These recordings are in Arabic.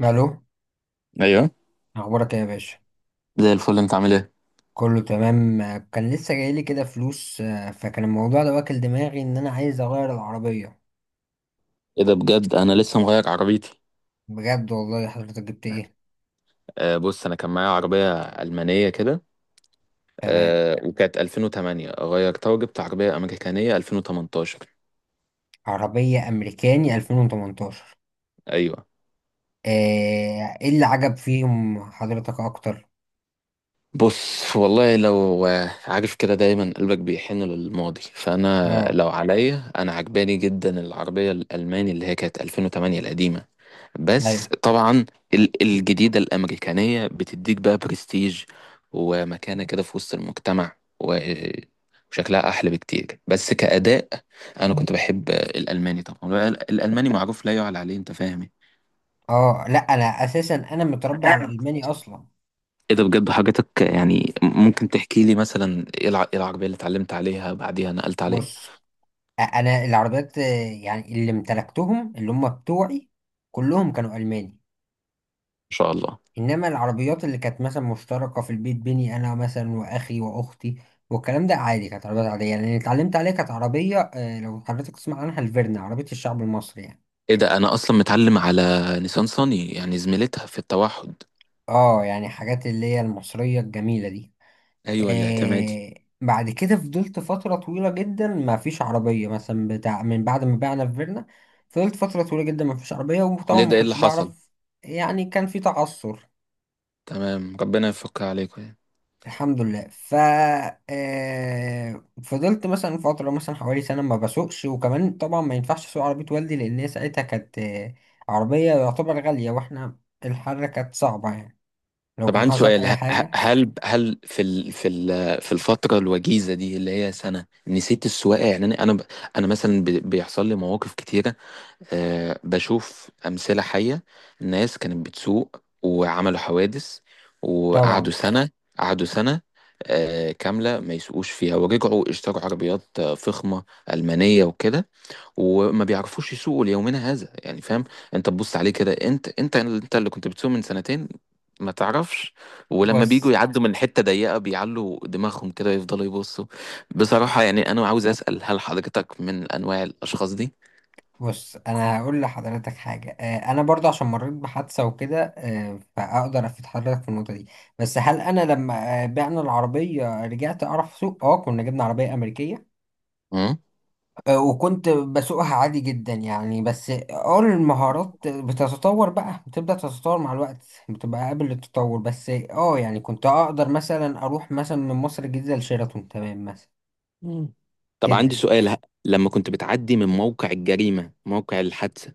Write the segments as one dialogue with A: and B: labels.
A: الو،
B: ايوه.
A: اخبارك ايه يا باشا؟
B: زي الفل، انت عامل ايه؟
A: كله تمام. كان لسه جايلي كده فلوس. فكان الموضوع ده واكل دماغي ان انا عايز اغير العربيه.
B: ايه ده بجد؟ انا لسه مغير عربيتي.
A: بجد؟ والله حضرتك جبت ايه؟
B: آه، بص انا كان معايا عربيه المانيه كده.
A: تمام.
B: آه، وكانت 2008 غيرتها، وجبت عربيه امريكانيه 2018.
A: عربيه امريكاني 2018؟
B: ايوه.
A: ايه اللي عجب فيهم حضرتك اكتر؟
B: بص والله، لو عارف كده دايما قلبك بيحن للماضي، فانا
A: اه.
B: لو عليا انا عجباني جدا العربيه الالماني اللي هي كانت 2008 القديمه. بس
A: ايوه.
B: طبعا الجديدة الأمريكانية بتديك بقى برستيج ومكانة كده في وسط المجتمع، وشكلها أحلى بكتير، بس كأداء أنا كنت بحب الألماني طبعا، وال- الألماني معروف لا يعلى عليه، أنت فاهم
A: اه، لا انا اساسا انا متربي على
B: يعني.
A: الالماني اصلا.
B: إيه ده بجد؟ حاجتك يعني ممكن تحكي لي مثلا إيه إيه العربية اللي اتعلمت عليها بعديها نقلت عليه؟ إن
A: بص. انا العربيات، يعني اللي امتلكتهم اللي هم بتوعي كلهم كانوا الماني.
B: شاء الله.
A: انما العربيات اللي كانت مثلا مشتركه في البيت بيني انا مثلا واخي واختي والكلام ده عادي، كانت عربيات عاديه يعني. اللي اتعلمت عليها كانت عربيه، لو حضرتك تسمع عنها الفيرنا، عربيه الشعب المصري يعني.
B: إيه ده؟ أنا أصلا متعلم على نيسان صني، يعني زميلتها في التوحد.
A: اه، يعني حاجات اللي هي المصريه الجميله دي.
B: أيوة الاعتمادي.
A: آه بعد كده فضلت فتره طويله جدا ما فيش عربيه مثلا بتاع، من بعد ما بعنا الفيرنا فضلت فتره طويله جدا ما فيش عربيه، وطبعا
B: ليه
A: ما
B: ده؟ إيه اللي
A: كنتش
B: حصل؟
A: بعرف. يعني كان في تعثر.
B: تمام، ربنا يفك عليكم يعني.
A: الحمد لله. ف آه، فضلت مثلا فترة مثلا حوالي سنة ما بسوقش، وكمان طبعا ما ينفعش اسوق عربية والدي لأن هي ساعتها كانت، عربية يعتبر غالية، واحنا الحرة كانت صعبة يعني لو
B: طب
A: كان
B: عندي
A: حصل
B: سؤال.
A: أي
B: ه- ه-
A: حاجة
B: هل هل في الفترة الوجيزة دي اللي هي سنة نسيت السواقة، يعني أنا مثلا بيحصل لي مواقف كتيرة. أه، بشوف أمثلة حية. الناس كانت بتسوق وعملوا حوادث وقعدوا
A: طبعا.
B: سنة قعدوا سنة أه كاملة ما يسوقوش فيها، ورجعوا اشتروا عربيات فخمة ألمانية وكده، وما بيعرفوش يسوقوا ليومنا هذا، يعني فاهم؟ انت تبص عليه كده، انت اللي كنت بتسوق من سنتين ما تعرفش. ولما بيجوا
A: بص
B: يعدوا من حتة ضيقة بيعلوا دماغهم كده، يفضلوا يبصوا. بصراحة يعني انا عاوز اسأل، هل حضرتك من انواع الاشخاص دي؟
A: بص. أنا هقول لحضرتك حاجة. أنا برضه عشان مريت بحادثة وكده، فأقدر أفيد حضرتك في النقطة دي. بس هل أنا لما بعنا العربية رجعت أعرف أسوق؟ أه، كنا جبنا عربية أمريكية.
B: مم؟
A: وكنت بسوقها عادي جدا يعني، بس المهارات بتتطور بقى، بتبدأ تتطور مع الوقت. بتبقى قابل للتطور، بس يعني كنت اقدر مثلا اروح مثلا من مصر الجديدة لشيراتون تمام مثلا،
B: مم. طب
A: كده
B: عندي
A: يعني.
B: سؤال. لما كنت بتعدي من موقع الجريمة، موقع الحادثة.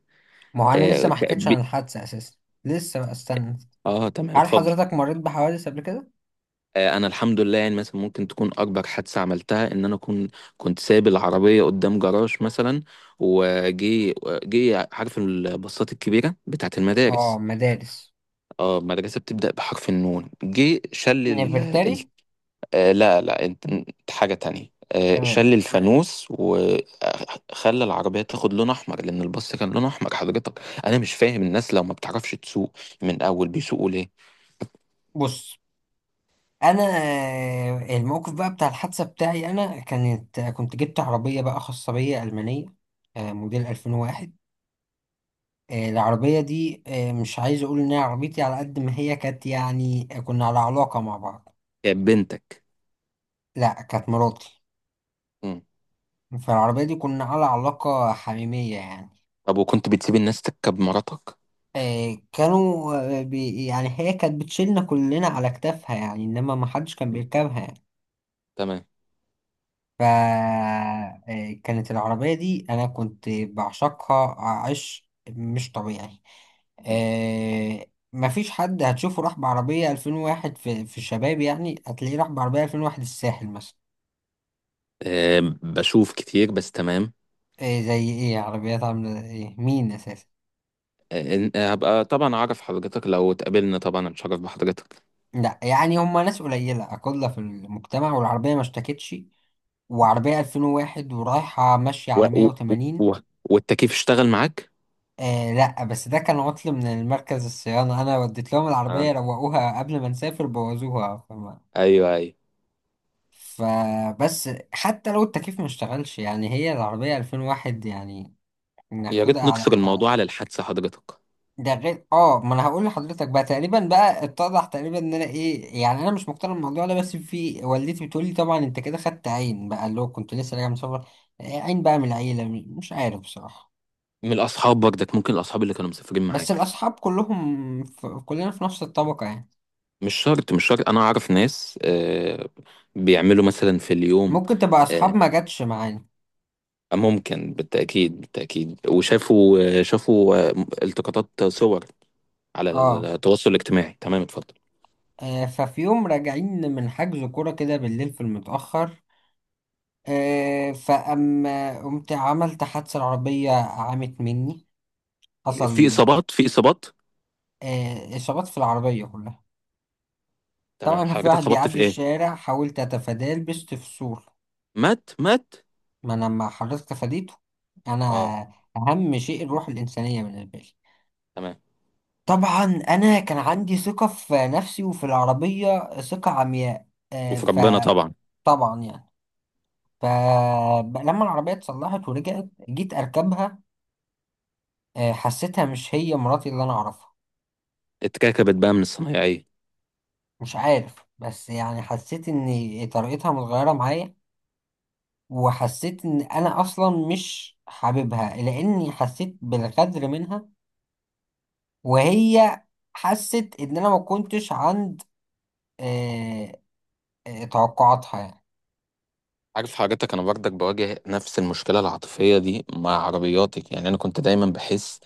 A: ما هو انا
B: اه,
A: لسه ما
B: ك-
A: حكيتش
B: ب...
A: عن الحادثة اساسا. لسه بقى، استنى.
B: آه تمام،
A: هل
B: اتفضل.
A: حضرتك مريت بحوادث قبل كده؟
B: انا الحمد لله، يعني مثلا ممكن تكون اكبر حادثه عملتها ان انا كنت سايب العربيه قدام جراج مثلا، وجي عارف الباصات الكبيره بتاعه
A: اه،
B: المدارس.
A: مدارس.
B: اه، المدرسه بتبدا بحرف النون، جه شل ال...
A: نفرتاري.
B: ال... آه، لا لا، أنت حاجه تانية.
A: تمام.
B: شل الفانوس وخلى العربيه تاخد لون احمر، لان الباص كان لون احمر حضرتك. انا مش فاهم، الناس لو ما بتعرفش تسوق من اول بيسوقوا ليه؟
A: بص، انا الموقف بقى بتاع الحادثه بتاعي انا كنت جبت عربيه بقى خاصه بيا المانيه. موديل 2001. العربيه دي مش عايز اقول ان هي عربيتي، على قد ما هي كانت يعني كنا على علاقه مع بعض.
B: يا بنتك.
A: لا، كانت مراتي.
B: مم.
A: فالعربيه دي كنا على علاقه حميميه يعني.
B: طب وكنت بتسيب الناس تركب مراتك.
A: كانوا، آه، بي يعني هي كانت بتشيلنا كلنا على كتافها يعني، انما ما حدش كان بيركبها يعني.
B: تمام.
A: فكانت العربية دي أنا كنت بعشقها عشق مش طبيعي. آه، مفيش حد هتشوفه راح بعربية 2001 في الشباب، يعني هتلاقيه راح بعربية 2001 الساحل مثلا.
B: أه بشوف كتير، بس تمام.
A: إيه؟ زي إيه؟ عربيات عاملة زي إيه؟ مين أساسا؟
B: أه. هبقى طبعا اعرف حضرتك، لو اتقابلنا طبعا اتشرف بحضرتك.
A: لا، يعني هما ناس قليلة أقل في المجتمع، والعربية ما اشتكتش. وعربية 2001 ورايحة ماشية
B: و...
A: على
B: و...
A: 180.
B: و... والتكييف اشتغل معاك؟
A: لا، بس ده كان عطل من المركز الصيانة. أنا وديت لهم
B: آه.
A: العربية روقوها، قبل ما نسافر بوظوها فما.
B: ايوه، ايوه.
A: فبس حتى لو التكييف ما اشتغلش يعني، هي العربية 2001 يعني
B: يا
A: ناخدها
B: ريت
A: على
B: نكسر
A: قد على.
B: الموضوع على الحادثه حضرتك.
A: ده غير ما انا هقول لحضرتك بقى. تقريبا بقى اتضح تقريبا ان انا ايه، يعني انا مش مقتنع بالموضوع ده، بس في والدتي بتقول لي طبعا انت كده خدت عين بقى، اللي هو كنت لسه راجع من سفر. عين بقى من العيلة، مش عارف بصراحة.
B: من الاصحاب برضك، ممكن الاصحاب اللي كانوا مسافرين
A: بس
B: معاك.
A: الاصحاب كلهم كلنا في نفس الطبقة يعني.
B: مش شرط مش شرط، انا اعرف ناس أه بيعملوا مثلا في اليوم.
A: ممكن تبقى اصحاب
B: أه.
A: ما جاتش معانا.
B: ممكن بالتاكيد بالتاكيد. وشافوا آه، شافوا آه، التقاطات صور على
A: اه.
B: التواصل الاجتماعي. تمام، اتفضل.
A: ففي يوم راجعين من حجز كوره كده بالليل في المتاخر، فاما قمت عملت حادثه، العربيه عمت مني.
B: في
A: حصل.
B: اصابات؟ في اصابات؟
A: اصابات في العربيه كلها.
B: تمام،
A: طبعا كان في
B: حضرتك
A: واحد
B: خبطت
A: بيعدي
B: في ايه؟
A: الشارع، حاولت اتفاداه لبست في سور.
B: مات؟ مات؟
A: ما انا لما حضرتك تفاديته انا،
B: اه.
A: اهم شيء الروح الانسانيه بالنسبه لي.
B: تمام.
A: طبعا انا كان عندي ثقه في نفسي وفي العربيه، ثقه عمياء. آه
B: وفي
A: ف
B: ربنا طبعا.
A: طبعا يعني. فلما العربية اتصلحت ورجعت جيت أركبها، حسيتها مش هي مراتي اللي أنا أعرفها.
B: اتكعكبت بقى من الصنايعيه.
A: مش عارف، بس يعني حسيت إن طريقتها متغيرة معايا. وحسيت إن أنا أصلا مش حاببها لأني حسيت بالغدر منها. وهي حست إن أنا ما كنتش عند آه، توقعاتها يعني.
B: عارف حضرتك، انا برضك بواجه نفس المشكله العاطفيه دي مع عربياتك، يعني انا كنت دايما بحس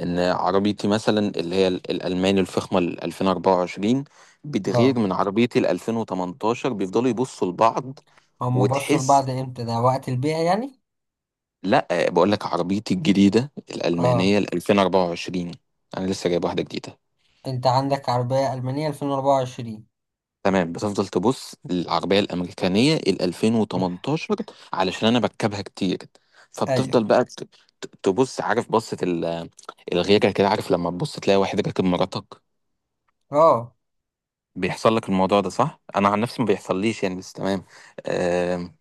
B: ان عربيتي مثلا اللي هي الالماني الفخمه ال 2024 بتغير
A: اه،
B: من عربيتي ال 2018، بيفضلوا يبصوا لبعض
A: هم بصوا
B: وتحس.
A: لبعض امتى؟ ده وقت البيع يعني.
B: لا، بقول لك عربيتي الجديده
A: اه،
B: الالمانيه ال 2024، انا لسه جايب واحده جديده.
A: انت عندك عربية ألمانية 2024؟
B: تمام، بتفضل تبص للعربية الأمريكانية ال 2018 علشان أنا بركبها كتير، فبتفضل
A: ايوه.
B: بقى تبص عارف، بصة الغيرة كده، عارف لما تبص تلاقي واحد راكب مراتك،
A: اه.
B: بيحصل لك الموضوع ده، صح؟ أنا عن نفسي ما بيحصليش يعني، بس تمام. آمم.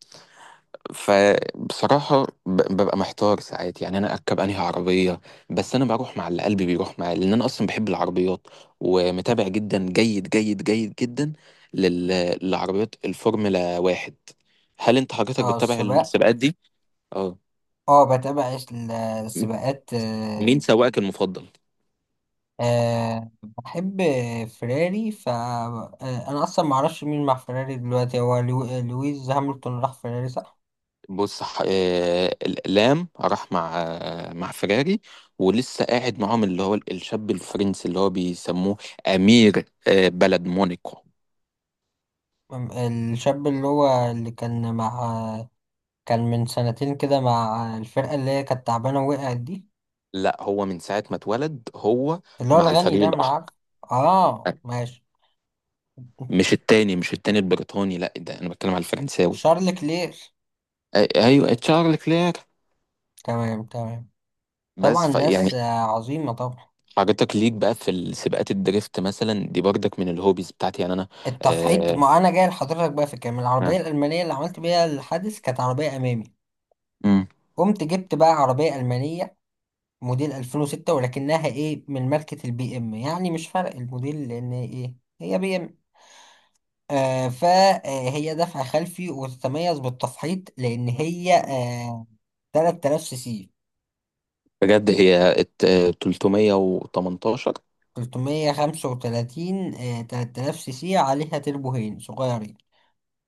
B: فبصراحة ببقى محتار ساعات، يعني أنا أركب أنهي عربية؟ بس أنا بروح مع اللي قلبي بيروح معاه، لأن أنا أصلا بحب العربيات، ومتابع جدا جيد جيد جيد جدا لل... للعربيات الفورمولا واحد. هل أنت حضرتك
A: اه،
B: بتتابع
A: السباق.
B: السباقات دي؟ أه.
A: اه، بتابع
B: م-
A: السباقات.
B: مين سواقك المفضل؟
A: بحب فيراري. ف آه، انا اصلا ما اعرفش مين مع فيراري دلوقتي. هو لويس هاملتون راح فيراري صح؟
B: بص. لام راح مع مع فيراري، ولسه قاعد معاهم اللي هو الشاب الفرنسي اللي هو بيسموه أمير، بلد مونيكو.
A: أم- الشاب اللي هو اللي كان مع، كان من سنتين كده مع الفرقة اللي هي كانت تعبانة ووقعت دي.
B: لا، هو من ساعة ما اتولد هو
A: اللي هو
B: مع
A: الغني
B: الفريق
A: ده، من
B: الأحمر.
A: عارف. اه، ماشي.
B: مش التاني، مش التاني البريطاني، لا ده أنا بتكلم على الفرنساوي.
A: شارل كلير.
B: أيوه تشارل كلير.
A: تمام، تمام. طبعا
B: بس ف يعني.
A: ناس عظيمة طبعا.
B: حضرتك ليك بقى في السباقات الدريفت مثلا دي، برضك من الهوبيز بتاعتي يعني أنا.
A: التفحيط،
B: آه
A: ما انا جاي لحضرتك بقى في الكلام.
B: آه،
A: العربيه الالمانيه اللي عملت بيها الحادث كانت عربيه امامي.
B: مم.
A: قمت جبت بقى عربيه المانيه موديل 2006، ولكنها ايه من ماركه البي ام، يعني مش فارق الموديل لان ايه، هي بي ام. فهي دفع خلفي وتتميز بالتفحيط لان هي 3000 سي سي.
B: بجد هي 318.
A: 335، 3000 سي سي عليها تربو هين صغيرين.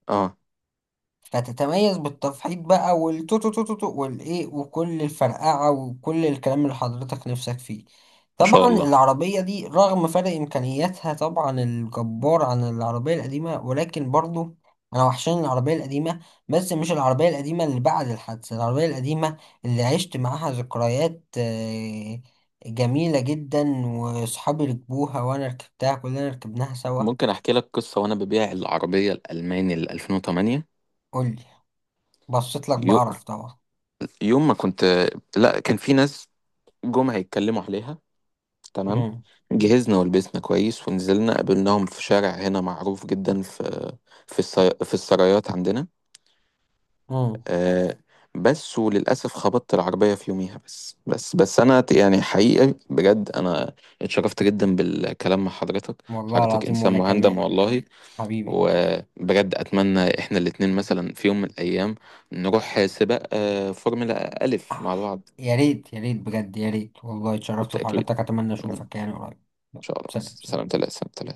B: اه
A: فتتميز بالتفحيط بقى والتوتوتوتو والايه وكل الفرقعة وكل الكلام اللي حضرتك نفسك فيه.
B: ما شاء
A: طبعا
B: الله.
A: العربية دي رغم فرق إمكانياتها طبعا الجبار عن العربية القديمة، ولكن برضو أنا وحشاني العربية القديمة. بس مش العربية القديمة اللي بعد الحادثة، العربية القديمة اللي عشت معاها ذكريات جميلة جدا، وصحابي ركبوها وأنا ركبتها كلنا ركبناها سوا.
B: ممكن أحكي لك قصة وأنا ببيع العربية الألماني ال 2008.
A: قولي. بصيت لك
B: يو-
A: بقرف طبعا.
B: يوم ما كنت، لا كان في ناس جم هيتكلموا عليها. تمام.
A: مم.
B: جهزنا ولبسنا كويس ونزلنا قابلناهم في شارع هنا معروف جدا في في السرايات عندنا.
A: مم.
B: آه. بس وللأسف خبطت العربية في يوميها. بس بس بس أنا يعني حقيقي بجد أنا اتشرفت جدا بالكلام مع حضرتك.
A: والله
B: حضرتك
A: العظيم
B: إنسان
A: وانا
B: مهندم
A: كمان.
B: والله.
A: حبيبي.
B: وبجد أتمنى إحنا الاتنين مثلا في يوم من الأيام نروح سباق فورمولا ألف
A: آه،
B: مع بعض.
A: يا ريت يا ريت بجد يا ريت، والله اتشرفت
B: بالتأكيد.
A: بحضرتك، اتمنى
B: إن
A: اشوفك يعني قريب. يلا،
B: شاء الله.
A: سلام
B: سلام
A: سلام.
B: تلاتة، سلام تلاتة.